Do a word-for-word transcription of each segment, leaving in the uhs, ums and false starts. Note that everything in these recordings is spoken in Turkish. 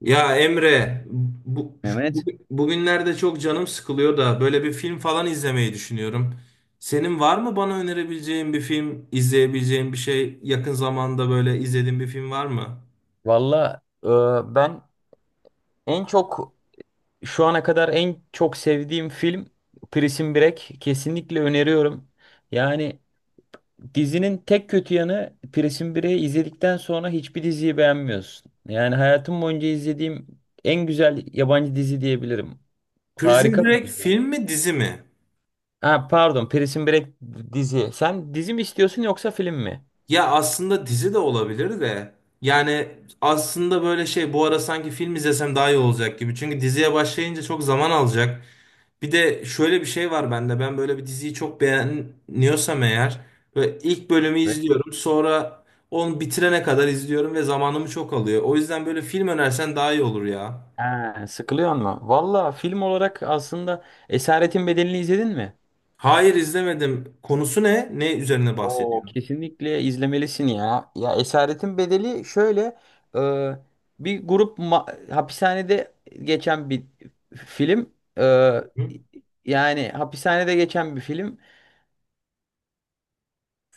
Ya Emre, bu, bu- Mehmet. bugünlerde çok canım sıkılıyor da böyle bir film falan izlemeyi düşünüyorum. Senin var mı bana önerebileceğin bir film, izleyebileceğin bir şey, yakın zamanda böyle izlediğin bir film var mı? Valla e, ben en çok şu ana kadar en çok sevdiğim film Prison Break. Kesinlikle öneriyorum. Yani dizinin tek kötü yanı Prison Break'i izledikten sonra hiçbir diziyi beğenmiyorsun. Yani hayatım boyunca izlediğim en güzel yabancı dizi diyebilirim. Prison Harika bir Break dizi. film mi dizi mi? Ha, pardon, Prison Break dizi. Sen dizi mi istiyorsun yoksa film mi? Ya aslında dizi de olabilir de. Yani aslında böyle şey bu ara sanki film izlesem daha iyi olacak gibi. Çünkü diziye başlayınca çok zaman alacak. Bir de şöyle bir şey var bende. Ben böyle bir diziyi çok beğeniyorsam eğer ve ilk bölümü Evet. izliyorum. Sonra onu bitirene kadar izliyorum ve zamanımı çok alıyor. O yüzden böyle film önersen daha iyi olur ya. Ha, sıkılıyor mu? Valla film olarak aslında Esaretin Bedeli'ni izledin mi? Hayır, izlemedim. Konusu ne? Ne üzerine Oo, bahsediyor? kesinlikle izlemelisin ya. Ya Esaretin Bedeli şöyle, e, bir grup ma- hapishanede geçen bir film. E, Hı? Yani hapishanede geçen bir film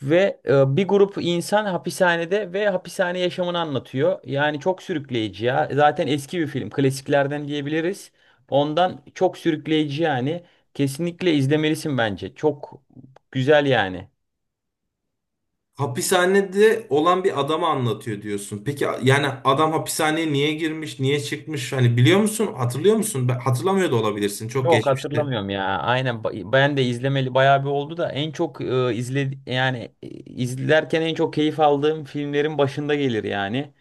ve e, bir grup insan hapishanede ve hapishane yaşamını anlatıyor. Yani çok sürükleyici ya. Zaten eski bir film, klasiklerden diyebiliriz. Ondan çok sürükleyici yani. Kesinlikle izlemelisin bence. Çok güzel yani. Hapishanede olan bir adamı anlatıyor diyorsun. Peki yani adam hapishaneye niye girmiş, niye çıkmış? Hani biliyor musun? Hatırlıyor musun? Ben- Hatırlamıyor da olabilirsin. Çok Yok, geçmişti. hatırlamıyorum ya. Aynen, ba- ben de izlemeli bayağı bir oldu da en çok e, izle yani e, izlerken en çok keyif aldığım filmlerin başında gelir yani.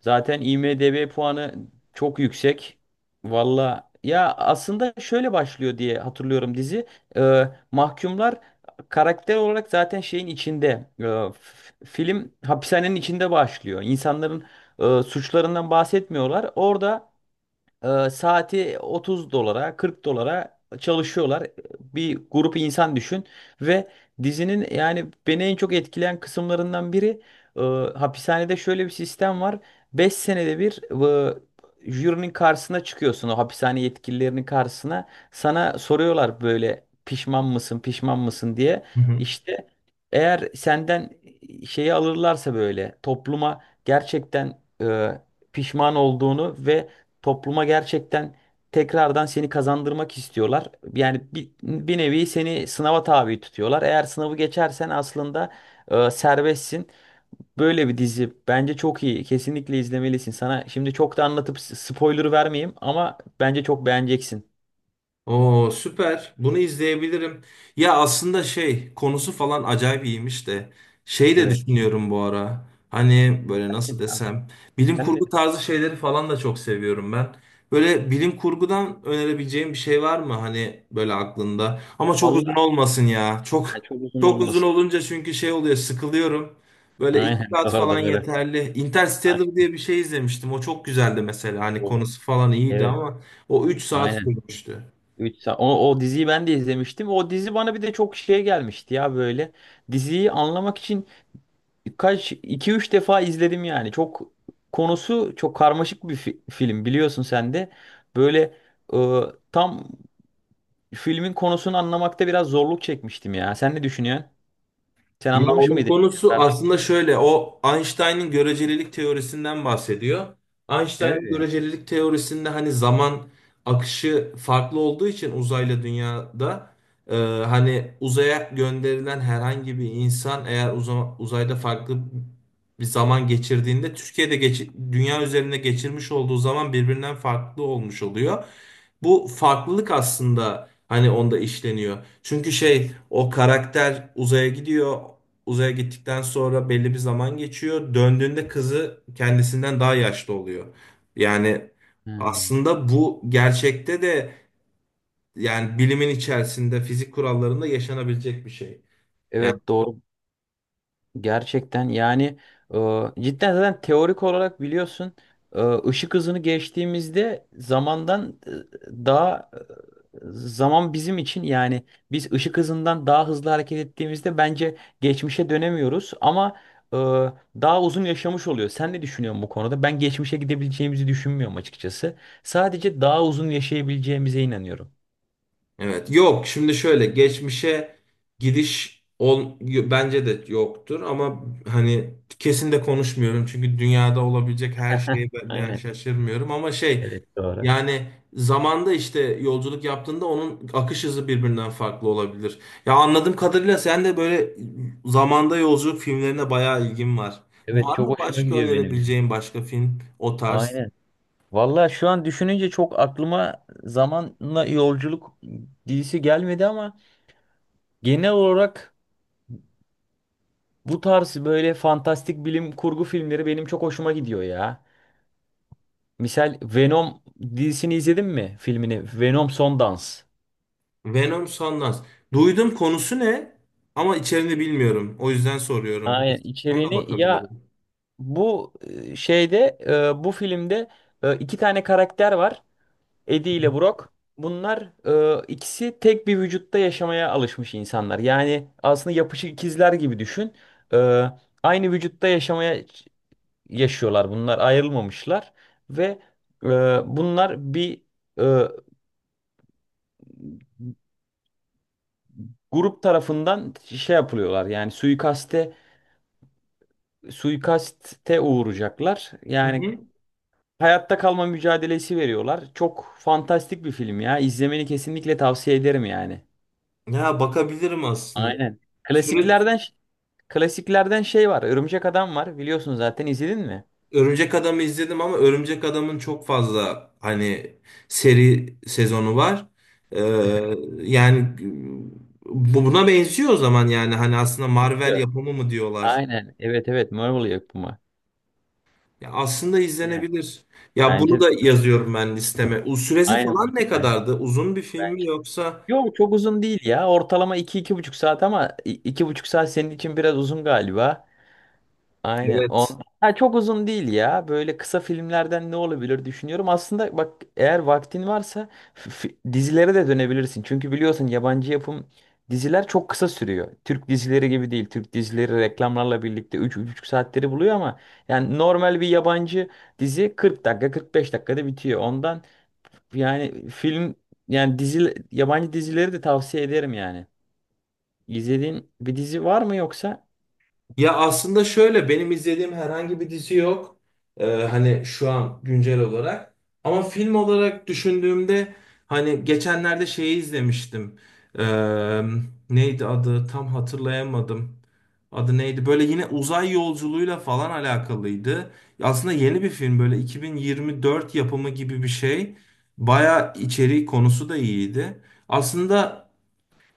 Zaten IMDb puanı çok yüksek. Valla ya aslında şöyle başlıyor diye hatırlıyorum dizi. E, Mahkumlar karakter olarak zaten şeyin içinde. E, f- Film hapishanenin içinde başlıyor. İnsanların e, suçlarından bahsetmiyorlar. Orada ee, saati otuz dolara, kırk dolara çalışıyorlar. Bir grup insan düşün ve dizinin yani beni en çok etkileyen kısımlarından biri e, hapishanede şöyle bir sistem var. Beş senede bir, e, jürinin karşısına çıkıyorsun, o hapishane yetkililerinin karşısına. Sana soruyorlar böyle pişman mısın, pişman mısın diye. Hı hı. İşte eğer senden şeyi alırlarsa, böyle topluma gerçekten e, pişman olduğunu ve topluma gerçekten tekrardan seni kazandırmak istiyorlar. Yani bir, bir nevi seni sınava tabi tutuyorlar. Eğer sınavı geçersen aslında e, serbestsin. Böyle bir dizi bence çok iyi. Kesinlikle izlemelisin. Sana şimdi çok da anlatıp s- spoiler vermeyeyim ama bence çok beğeneceksin. Oo, süper. Bunu izleyebilirim. Ya aslında şey konusu falan acayip iyiymiş de şey de Evet. düşünüyorum bu ara. Hani böyle nasıl desem, bilim Sen de kurgu tarzı şeyleri falan da çok seviyorum ben. Böyle bilim kurgudan önerebileceğim bir şey var mı hani böyle aklında? Ama çok uzun valla, olmasın ya. ha, Çok çok uzun çok uzun olmasın. olunca çünkü şey oluyor, sıkılıyorum. Böyle iki Aynen, saat doğru, falan doğru. yeterli. Ha, Interstellar diye bir şey izlemiştim. O çok güzeldi mesela. Hani o. konusu falan iyiydi Evet, ama o üç saat aynen. sürmüştü. Üç saat. O, o diziyi ben de izlemiştim. O dizi bana bir de çok şey gelmişti ya böyle. Diziyi anlamak için kaç iki üç defa izledim yani. Çok, konusu çok karmaşık bir fi- film, biliyorsun sen de. Böyle, e, tam filmin konusunu anlamakta biraz zorluk çekmiştim ya. Sen ne düşünüyorsun? Sen Ya anlamış onun mıydın ilk konusu seferde? aslında şöyle, o Einstein'ın görecelilik teorisinden bahsediyor. Einstein'ın Öyle ya. görecelilik teorisinde hani zaman akışı farklı olduğu için uzayla dünyada e, hani uzaya gönderilen herhangi bir insan eğer uza- uzayda farklı bir zaman geçirdiğinde Türkiye'de geçi- dünya üzerinde geçirmiş olduğu zaman birbirinden farklı olmuş oluyor. Bu farklılık aslında hani onda işleniyor. Çünkü şey o karakter uzaya gidiyor, uzaya gittikten sonra belli bir zaman geçiyor. Döndüğünde kızı kendisinden daha yaşlı oluyor. Yani Ha. aslında bu gerçekte de yani bilimin içerisinde fizik kurallarında yaşanabilecek bir şey. Yani Evet, doğru. Gerçekten yani, e, cidden zaten teorik olarak biliyorsun, e, ışık hızını geçtiğimizde zamandan e, daha e, zaman bizim için yani biz ışık hızından daha hızlı hareket ettiğimizde bence geçmişe dönemiyoruz ama e, daha uzun yaşamış oluyor. Sen ne düşünüyorsun bu konuda? Ben geçmişe gidebileceğimizi düşünmüyorum açıkçası. Sadece daha uzun yaşayabileceğimize inanıyorum. evet, yok şimdi şöyle geçmişe gidiş ol, bence de yoktur ama hani kesin de konuşmuyorum çünkü dünyada olabilecek her şeye ben ben Aynen. şaşırmıyorum ama şey. Evet, doğru. Yani zamanda işte yolculuk yaptığında onun akış hızı birbirinden farklı olabilir. Ya anladığım kadarıyla sen de böyle zamanda yolculuk filmlerine bayağı ilgin var. Evet, Var çok mı hoşuma başka gidiyor benim. önerebileceğin başka film o tarz? Aynen. Valla şu an düşününce çok aklıma zamanla yolculuk dizisi gelmedi ama genel olarak bu tarz böyle fantastik bilim kurgu filmleri benim çok hoşuma gidiyor ya. Misal Venom dizisini izledin mi? Filmini, Venom Son Dans. Venom Sundance. Duydum, konusu ne ama içeriğini bilmiyorum. O yüzden soruyorum. Aynen, Ona da içeriğini ya, bakabilirim. bu e, şeyde e, bu filmde e, iki tane karakter var. Eddie ile Brock, bunlar, e, ikisi tek bir vücutta yaşamaya alışmış insanlar. Yani aslında yapışık ikizler gibi düşün. E, Aynı vücutta yaşamaya yaşıyorlar. Bunlar ayrılmamışlar ve e, bunlar bir e, grup tarafından şey yapılıyorlar. Yani suikaste suikaste uğrayacaklar. Hı Yani hı. hayatta kalma mücadelesi veriyorlar. Çok fantastik bir film ya. İzlemeni kesinlikle tavsiye ederim yani. Ya bakabilirim aslında. Aynen. Süre, Klasiklerden Klasiklerden şey var. Örümcek Adam var. Biliyorsun, zaten izledin mi? Örümcek Adam'ı izledim ama Örümcek Adam'ın çok fazla hani seri sezonu var. Ee, yani bu buna benziyor o zaman, yani hani aslında Marvel Biliyor. yapımı mı diyorlar. Aynen. Evet, evet. Marvel yapımı. Ya aslında Yine. izlenebilir. Ya bunu Bence da de. yazıyorum ben listeme. U süresi Aynen. falan ne Ben- kadardı? Uzun bir film ben- mi yoksa? Yok, çok uzun değil ya. Ortalama iki iki buçuk saat ama i- iki buçuk saat senin için biraz uzun galiba. Aynen. Evet. On... Ha, çok uzun değil ya. Böyle kısa filmlerden ne olabilir düşünüyorum. Aslında bak, eğer vaktin varsa f- f- dizilere de dönebilirsin. Çünkü biliyorsun yabancı yapım diziler çok kısa sürüyor. Türk dizileri gibi değil. Türk dizileri reklamlarla birlikte üç üç buçuk saatleri buluyor ama yani normal bir yabancı dizi kırk dakika kırk beş dakikada bitiyor. Ondan yani film yani dizi, yabancı dizileri de tavsiye ederim yani. İzlediğin bir dizi var mı yoksa? Ya aslında şöyle benim izlediğim herhangi bir dizi yok. Ee, hani şu an güncel olarak. Ama film olarak düşündüğümde hani geçenlerde şeyi izlemiştim. Ee, neydi adı? Tam hatırlayamadım. Adı neydi? Böyle yine uzay yolculuğuyla falan alakalıydı. Aslında yeni bir film, böyle iki bin yirmi dört yapımı gibi bir şey. Baya içeriği konusu da iyiydi. Aslında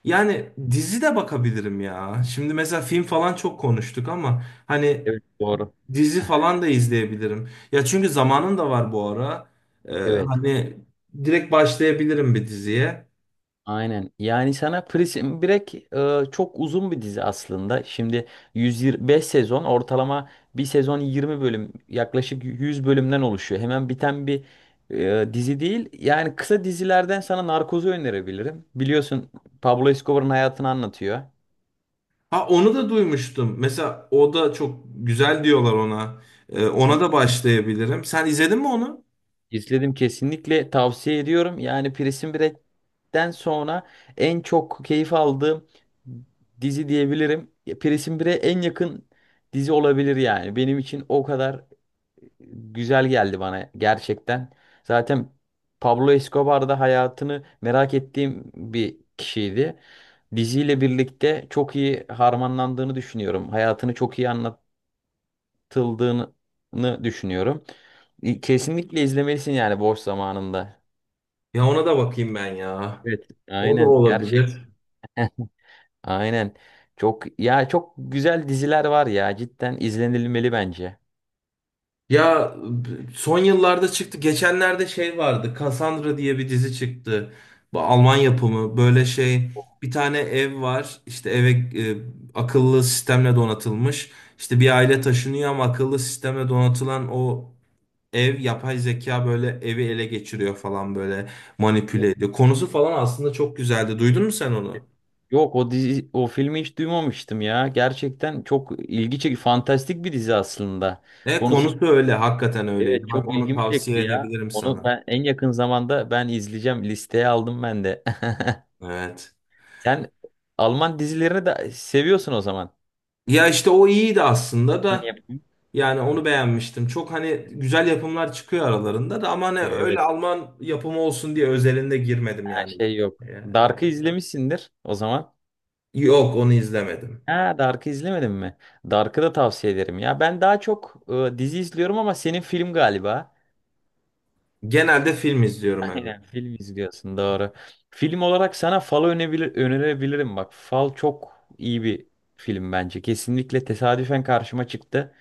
yani dizi de bakabilirim ya. Şimdi mesela film falan çok konuştuk ama hani Evet, doğru. dizi falan da izleyebilirim. Ya çünkü zamanım da var bu ara. Ee, Evet. hani direkt başlayabilirim bir diziye. Aynen. Yani sana Prison Break, e, çok uzun bir dizi aslında. Şimdi yüz yirmi beş sezon ortalama, bir sezon yirmi bölüm, yaklaşık yüz bölümden oluşuyor. Hemen biten bir e, dizi değil. Yani kısa dizilerden sana Narkoz'u önerebilirim. Biliyorsun, Pablo Escobar'ın hayatını anlatıyor. Ha, onu da duymuştum. Mesela o da çok güzel diyorlar ona. Ee, ona Kesin. da başlayabilirim. Sen izledin mi onu? İzledim, kesinlikle tavsiye ediyorum. Yani Prison Break'ten sonra en çok keyif aldığım dizi diyebilirim. Prison Break'e en yakın dizi olabilir yani. Benim için o kadar güzel geldi bana gerçekten. Zaten Pablo Escobar da hayatını merak ettiğim bir kişiydi. Diziyle birlikte çok iyi harmanlandığını düşünüyorum. Hayatını çok iyi anlat, abartıldığını düşünüyorum. İ- Kesinlikle izlemelisin yani boş zamanında. Ya ona da bakayım ben ya. Evet, O da aynen gerçekten. olabilir. Aynen. Çok ya çok güzel diziler var ya, cidden izlenilmeli bence. Ya b- son yıllarda çıktı. Geçenlerde şey vardı. Cassandra diye bir dizi çıktı. Bu Alman yapımı. Böyle şey, bir tane ev var. İşte eve e, akıllı sistemle donatılmış. İşte bir aile taşınıyor ama akıllı sistemle donatılan o ev, yapay zeka böyle evi ele geçiriyor falan, böyle manipüle ediyor. Konusu falan aslında çok güzeldi. Duydun mu sen onu? Yok, o dizi o filmi hiç duymamıştım ya. Gerçekten çok ilgi çekici fantastik bir dizi aslında. E Konusu, konusu öyle. Hakikaten öyleydi. evet, çok Bak, onu ilgimi tavsiye çekti ya. edebilirim Onu sana. ben en yakın zamanda ben izleyeceğim. Listeye aldım ben de. Evet. Sen Alman dizilerini de seviyorsun o zaman. Ya işte o iyiydi aslında Hani da. yapım- Yani onu beğenmiştim. Çok hani güzel yapımlar çıkıyor aralarında da ama hani öyle Evet. Alman yapımı olsun diye özelinde girmedim Ha, yani. şey, yok. Ya, evet. Dark'ı izlemişsindir o zaman. Yok, onu izlemedim. Ha, Dark'ı izlemedin mi? Dark'ı da tavsiye ederim ya. Ben daha çok e, dizi izliyorum ama senin film galiba. Genelde film izliyorum, evet. Aynen, film izliyorsun, doğru. Film olarak sana Fal'ı önebilir, önerebilirim bak. Fal çok iyi bir film bence. Kesinlikle tesadüfen karşıma çıktı.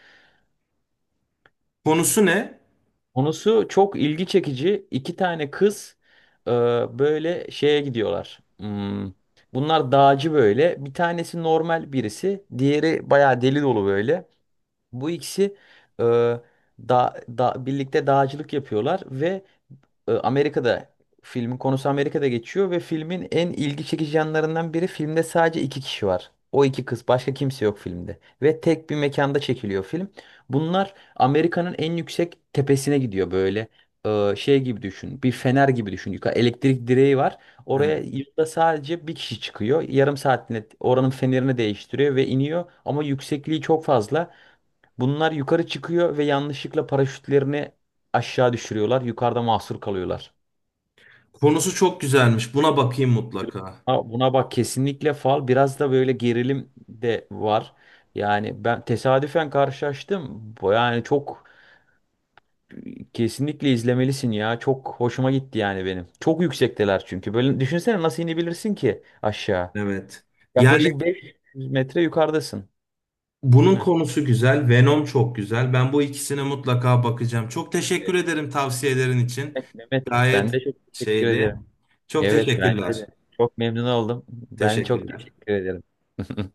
Konusu ne? Konusu çok ilgi çekici. İki tane kız, e, böyle şeye gidiyorlar. Hmm, Bunlar dağcı böyle. Bir tanesi normal birisi. Diğeri bayağı deli dolu böyle. Bu ikisi, e, da, da, birlikte dağcılık yapıyorlar ve e, Amerika'da filmin konusu Amerika'da geçiyor ve filmin en ilgi çekici yanlarından biri, filmde sadece iki kişi var. O iki kız, başka kimse yok filmde ve tek bir mekanda çekiliyor film. Bunlar Amerika'nın en yüksek tepesine gidiyor böyle, e, şey gibi düşün, bir fener gibi düşün, yukarı elektrik direği var, oraya Evet. yılda sadece bir kişi çıkıyor, yarım saatinde oranın fenerini değiştiriyor ve iniyor ama yüksekliği çok fazla, bunlar yukarı çıkıyor ve yanlışlıkla paraşütlerini aşağı düşürüyorlar, yukarıda mahsur kalıyorlar. Konusu çok güzelmiş. Buna bakayım mutlaka. Ha, buna bak kesinlikle, Fal biraz da böyle gerilim de var. Yani ben tesadüfen karşılaştım. Bu, yani çok, kesinlikle izlemelisin ya. Çok hoşuma gitti yani benim. Çok yüksekteler çünkü. Böyle düşünsene, nasıl inebilirsin ki aşağı? Evet. Yani Yaklaşık beş yüz metre yukarıdasın. bunun Hı. konusu güzel. Venom çok güzel. Ben bu ikisine mutlaka bakacağım. Çok teşekkür Evet. ederim tavsiyelerin için. Evet, Mehmet, Gayet ben de çok teşekkür şeydi. ederim. Çok Evet, bence de. teşekkürler. Çok memnun oldum. Ben çok Teşekkürler. teşekkür ederim.